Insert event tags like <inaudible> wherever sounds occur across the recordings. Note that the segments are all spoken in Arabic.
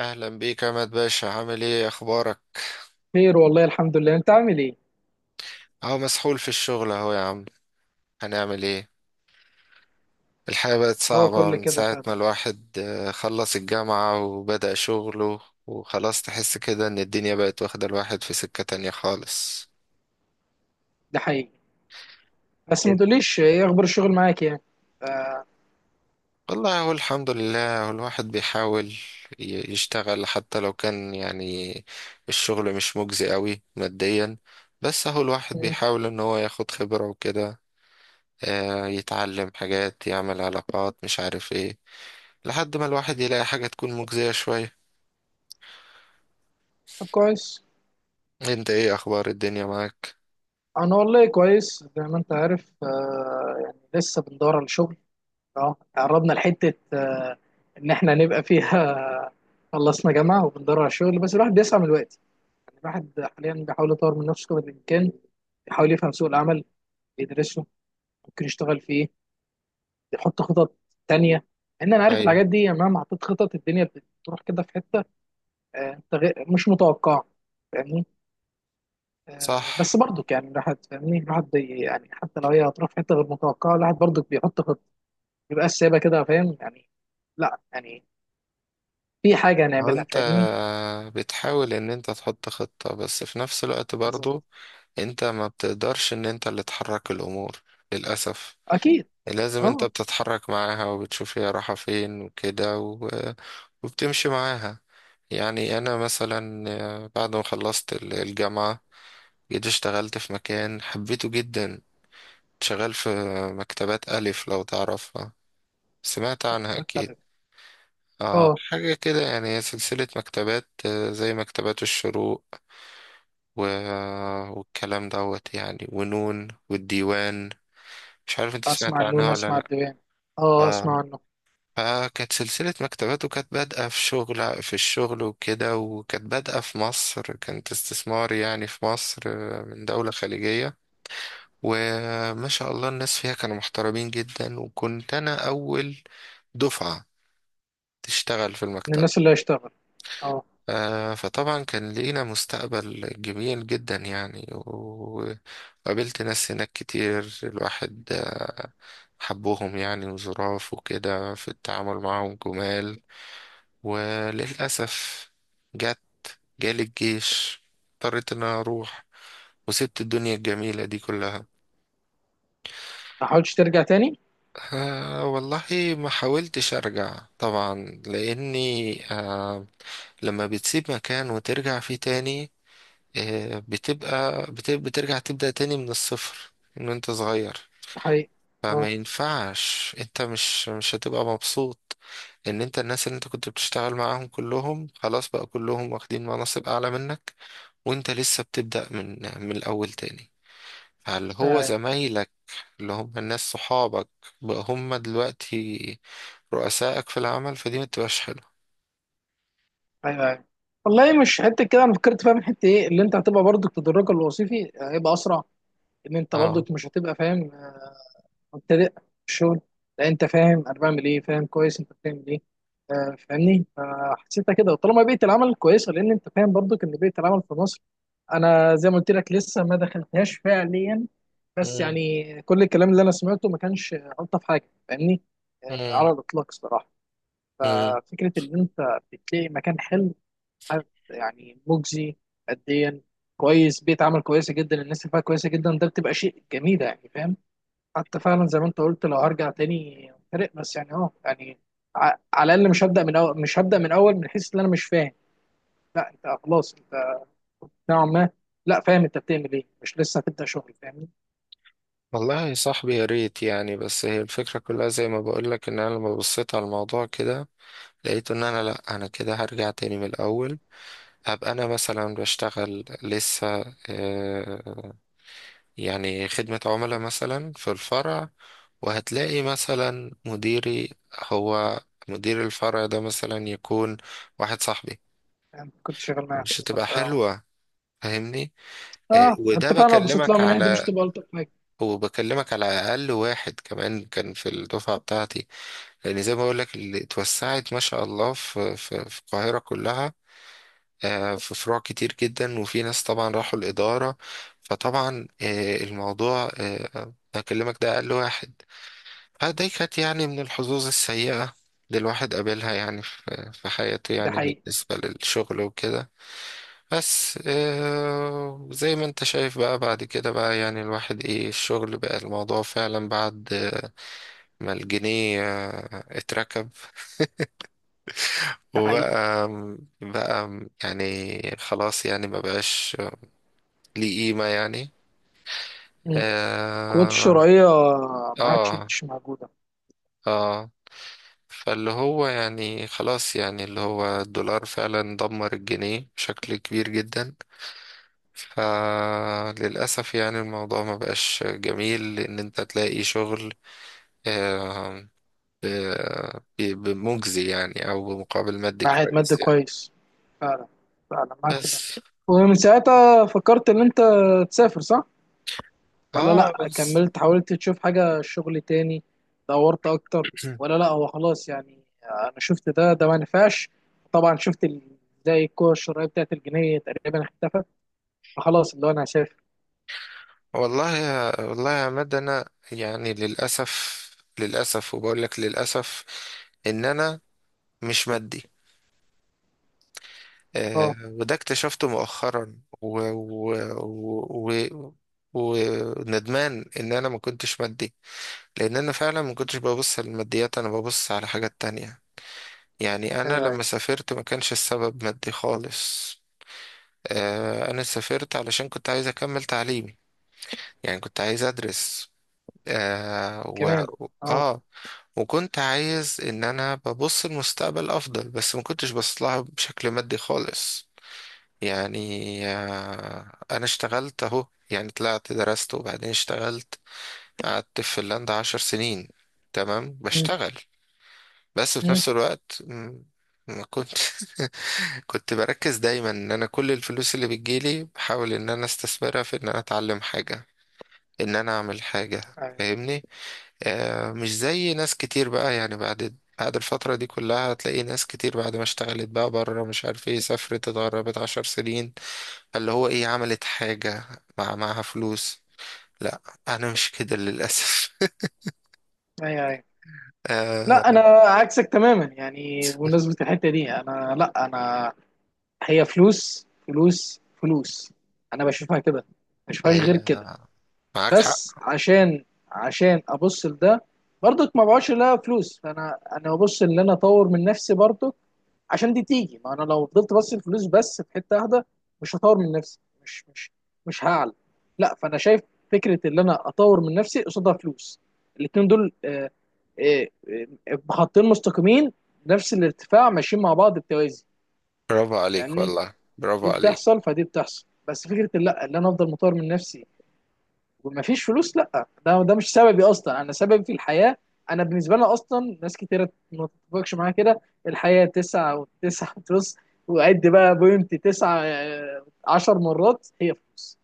اهلا بيك يا عماد باشا، عامل ايه؟ اخبارك؟ خير والله، الحمد لله. انت عامل ايه؟ اهو مسحول في الشغل اهو يا عم. هنعمل ايه؟ الحياة بقت هو صعبة كل من كده ساعة ما فعلا؟ الواحد خلص الجامعة وبدأ شغله. وخلاص تحس كده ان الدنيا بقت واخدة الواحد في سكة تانية خالص. ده حقيقي. بس ما إيه- تقوليش ايه اخبار الشغل معاك يعني؟ والله هو الحمد لله، هو الواحد بيحاول يشتغل حتى لو كان يعني الشغل مش مجزي قوي ماديا. بس هو الواحد مم. بيحاول ان هو ياخد خبرة وكده، يتعلم حاجات، يعمل علاقات، مش عارف ايه، لحد ما الواحد يلاقي حاجة تكون مجزية شوية. طب، كويس. انت ايه اخبار الدنيا معاك؟ انا والله كويس، زي ما انت عارف، يعني لسه بندور على شغل. اه قربنا لحته، ان احنا نبقى فيها. <laughs> خلصنا جامعه وبندور على شغل، بس الواحد بيسعى من الوقت. يعني الواحد حاليا بيحاول يطور من نفسه قدر الامكان، بيحاول يفهم سوق العمل، يدرسه، ممكن يشتغل فيه، يحط خطط تانية. ان انا عارف ايوه. الحاجات دي، يعني مهما حطيت خطط الدنيا بتروح كده في حته، مش متوقع. فاهمني؟ صح. بس برضو يعني الواحد، فاهمني، الواحد يعني حتى لو هي هتروح في حته غير متوقعه، الواحد برضو بيحط خطه، بيبقى سايبها كده، فاهم يعني. لا يعني في حاجه هو هنعملها، انت فاهمني. بتحاول ان انت تحط خطة، بس في نفس الوقت بالظبط. برضو انت ما بتقدرش ان انت اللي تحرك الامور، للأسف. اكيد. لازم انت اه. بتتحرك معاها وبتشوف هي رايحة فين وكده، وبتمشي معاها. يعني انا مثلا بعد ما خلصت الجامعة جيت اشتغلت في مكان حبيته جدا. شغال في مكتبات ألف، لو تعرفها، سمعت عنها مكتبات أكيد. تغيير؟ آه، اه، حاجة كده يعني، هي سلسلة مكتبات، زي مكتبات الشروق و... والكلام دوت يعني، ونون والديوان. مش عارف انت اسمع سمعت النون، عنها ولا اسمع لأ. الدوام. اه، آه. اسمع عنه. فكانت سلسلة مكتبات، وكانت بادئة في الشغل وكده، وكانت بادئة في مصر، كانت استثمار يعني في مصر من دولة خليجية. وما شاء الله الناس فيها كانوا محترمين جدا، وكنت أنا أول دفعة تشتغل في من المكتب. الناس اللي هيشتغل، اه. فطبعا كان لينا مستقبل جميل جدا يعني، وقابلت ناس هناك كتير، الواحد حبهم يعني، وظراف وكده في التعامل، معهم جمال. وللأسف جت، جالي الجيش، اضطريت ان انا اروح، وسبت الدنيا الجميلة دي كلها. ما حاولتش ترجع تاني؟ آه والله، ما حاولتش أرجع طبعا، لأني آه، لما بتسيب مكان وترجع فيه تاني، آه، بترجع تبدأ تاني من الصفر. إن أنت صغير. ده حقيقي. اه، فما ينفعش، أنت مش هتبقى مبسوط إن أنت الناس اللي أنت كنت بتشتغل معاهم كلهم خلاص بقى كلهم واخدين مناصب أعلى منك، وأنت لسه بتبدأ من الأول تاني. فاللي هو ايوه، زمايلك، اللي هم الناس صحابك، بقى هم دلوقتي رؤسائك في العمل، فدي ما تبقاش حلوة. ايوه، أيوة. والله مش حته كده انا فكرت فيها، من حته ايه، اللي انت هتبقى برضو تدرجك الوظيفي هيبقى اسرع. ان انت اه. برضك مش هتبقى فاهم، مبتدئ في الشغل. لا، انت فاهم انا بعمل ايه، فاهم كويس انت بتعمل ايه. فاهمني، فحسيتها كده، طالما بيئه العمل كويسه، لان انت فاهم برضك ان بيئه العمل في مصر. انا زي ما قلت لك لسه ما دخلتهاش فعليا، بس مم. يعني كل الكلام اللي انا سمعته ما كانش الطف حاجه، فاهمني. مم. على الاطلاق الصراحه. مم. ففكره ان انت بتلاقي مكان حلو، حد يعني مجزي ماديا كويس، بيئه عمل كويسه جدا، الناس اللي فيها كويسه جدا، ده بتبقى شيء جميل يعني، فاهم. حتى فعلا زي ما انت قلت، لو هرجع تاني فرق، بس يعني يعني على الاقل مش هبدا من اول، مش هبدا من اول، من حيث ان انا مش فاهم. لا، انت خلاص، انت نوعا ما، لا، فاهم انت بتعمل ايه، مش لسه هتبدا شغل، فاهمني. والله يا صاحبي، يا ريت يعني. بس هي الفكرة كلها زي ما بقولك، ان انا لما بصيت على الموضوع كده لقيت ان انا، لا، انا كده هرجع تاني من الاول. هبقى انا مثلا بشتغل لسه آه، يعني خدمة عملاء مثلا في الفرع، وهتلاقي مثلا مديري، هو مدير الفرع ده مثلا يكون واحد صاحبي. يعني كنت شغال معاه مش هتبقى بالظبط، اه. حلوة، فاهمني. اه، وده انت فعلا لو بصيت لها بكلمك من ناحيه دي، مش على، تبقى الطف حاجه. وبكلمك على اقل واحد كمان كان في الدفعه بتاعتي، لان زي ما بقول لك اللي اتوسعت ما شاء الله في القاهره كلها، في فروع كتير جدا، وفي ناس طبعا راحوا الاداره. فطبعا الموضوع بكلمك ده اقل واحد. فدي كانت يعني من الحظوظ السيئه اللي الواحد قابلها يعني في حياته، ده يعني حقيقي. بالنسبه للشغل وكده. بس زي ما انت شايف بقى، بعد كده بقى يعني الواحد ايه الشغل بقى، الموضوع فعلا بعد ما الجنيه اتركب، ده حقيقي. وبقى يعني خلاص يعني ما بقاش ليه قيمة يعني. مم. القوات اه. الشرعيه ما عادش اه. مش موجوده. آه. فاللي هو يعني خلاص، يعني اللي هو الدولار فعلا دمر الجنيه بشكل كبير جدا. فللأسف يعني الموضوع ما بقاش جميل، لأن أنت تلاقي شغل آه، ب- ب- بمجزي يعني، او بمقابل مادي معهد مادة كويس يعني. كويس. فعلا، فعلا معاك في ده. بس. ومن ساعتها فكرت ان انت تسافر، صح؟ ولا اه. لا بس. كملت حاولت تشوف حاجة شغل تاني؟ دورت اكتر؟ <clears throat> ولا لا، هو خلاص يعني انا شفت ده ما نفعش. طبعا شفت زي الكرة الشرعية بتاعت الجنيه تقريبا اختفت. فخلاص اللي هو انا هسافر. والله يا، والله يا عماد، انا يعني للاسف، للاسف، وبقول لك للاسف ان انا مش مادي. آه. اه، وده اكتشفته مؤخرا، و و و و وندمان ان انا ما كنتش مادي، لان انا فعلا ما كنتش ببص للماديات، انا ببص على حاجات تانية. يعني أنا ايوه، ايوه، لما سافرت ما كانش السبب مادي خالص. أنا سافرت علشان كنت عايز أكمل تعليمي، يعني كنت عايز أدرس آه و... كمان، اه. آه، وكنت عايز إن أنا ببص المستقبل أفضل، بس ما كنتش بص لها بشكل مادي خالص يعني. آه، أنا اشتغلت أهو يعني، طلعت درست، وبعدين اشتغلت. قعدت في فنلندا 10 سنين تمام مم، بشتغل. بس في مم، نفس الوقت، مم، ما كنت <laughs> كنت بركز دايما ان انا كل الفلوس اللي بتجيلي بحاول ان انا استثمرها في ان انا اتعلم حاجة، ان انا اعمل حاجة، ايوه، فاهمني. آه، مش زي ناس كتير بقى يعني، بعد الفترة دي كلها هتلاقي ناس كتير بعد ما اشتغلت بقى بره مش عارف ايه، سافرت اتغربت 10 سنين، اللي هو ايه، عملت حاجة مع معاها فلوس. لا، انا مش كده للأسف. ايوه، ايوه. <laughs> لا، انا آه. عكسك تماما، يعني بمناسبة الحتة دي، لا انا هي فلوس فلوس فلوس. انا بشوفها كده، ما بشوفهاش غير هي كده. معاك بس حق. عشان ابص لده برضك، ما بقعدش لا فلوس، فانا ببص ان انا اطور من نفسي برضك عشان دي تيجي. ما انا لو فضلت بص الفلوس بس في حته واحده مش هطور من نفسي. مش مش مش هعلى، لا، فانا شايف فكره ان انا اطور من نفسي قصادها فلوس، الاتنين دول آه، خطين مستقيمين، نفس الارتفاع، ماشيين مع بعض بتوازي. برافو عليك فاهمني. والله، برافو دي عليك. بتحصل، فدي بتحصل، بس فكره لا، ان انا افضل مطور من نفسي ومفيش فلوس، لا، ده مش سببي اصلا، انا سببي في الحياه. انا بالنسبه لنا اصلا ناس كتيره ما تتفقش معايا كده، الحياه تسعة وتسعة فلوس، وعد بقى بوينت تسعة، 10 مرات هي فلوس.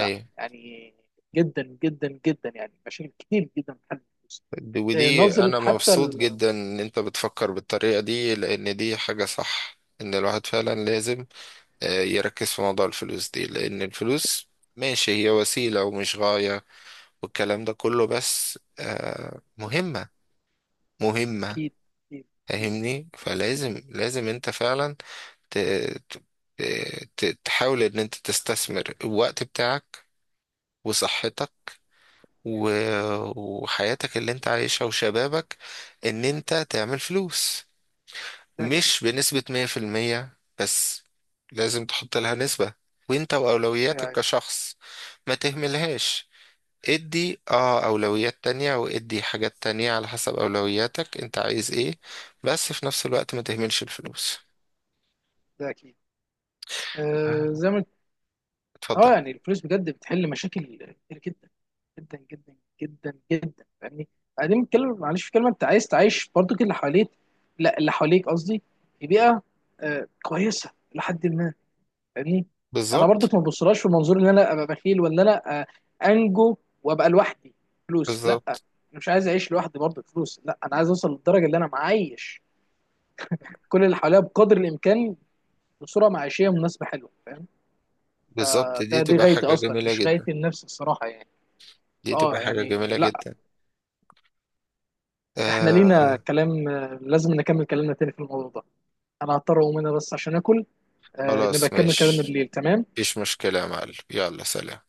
لا يعني، جدا جدا جدا يعني مشاكل كتير جدا بتحل الفلوس. دي، ودي، نظره انا حتى مبسوط ال- جدا ان انت بتفكر بالطريقه دي، لان دي حاجه صح، ان الواحد فعلا لازم يركز في موضوع الفلوس دي، لان الفلوس ماشي هي وسيله ومش غايه، والكلام ده كله، بس مهمه، مهمه. اكيد، اكيد، اكيد. فاهمني. فلازم، لازم انت فعلا ت- ت- تحاول ان انت تستثمر الوقت بتاعك، وصحتك، و- وحياتك اللي انت عايشها، وشبابك، ان انت تعمل فلوس، ده اكيد. مش بنسبة 100%، بس لازم تحط لها نسبة. وانت أيوة، واولوياتك أيوة. كشخص ما تهملهاش. ادي اه اولويات تانية، وادي حاجات تانية على حسب اولوياتك انت عايز ايه، بس في نفس الوقت ما تهملش الفلوس. ده اكيد. زي ما اتفضل. اه يعني الفلوس بجد بتحل مشاكل كتير، جدا جدا جدا جدا جدا. فاهمني. بعدين بتكلم، معلش في كلمه، انت عايز تعيش برضو كل اللي حواليك، لا اللي حواليك قصدي، في بيئه كويسه لحد ما، فاهمني. انا برضو بالظبط. ما ببصلهاش في منظور ان انا ابقى بخيل، ولا انا انجو وابقى لوحدي فلوس، لا، انا بالظبط. مش عايز اعيش لوحدي برضو فلوس، لا، انا عايز اوصل للدرجه اللي انا معايش كل اللي حواليا بقدر الامكان، بصوره معيشيه مناسبه حلوه، فاهم. بالظبط، آه، دي ده دي تبقى غايتي حاجة اصلا، جميلة مش جدا. غايتي النفس الصراحه يعني. دي تبقى فاه حاجة يعني، جميلة لا، جدا. احنا لينا آه. كلام، لازم نكمل كلامنا تاني في الموضوع ده. انا هضطر اقوم هنا بس عشان اكل، نبقى خلاص نكمل كلامنا ماشي، بالليل، تمام. مفيش مشكلة يا معلم، يلا سلام.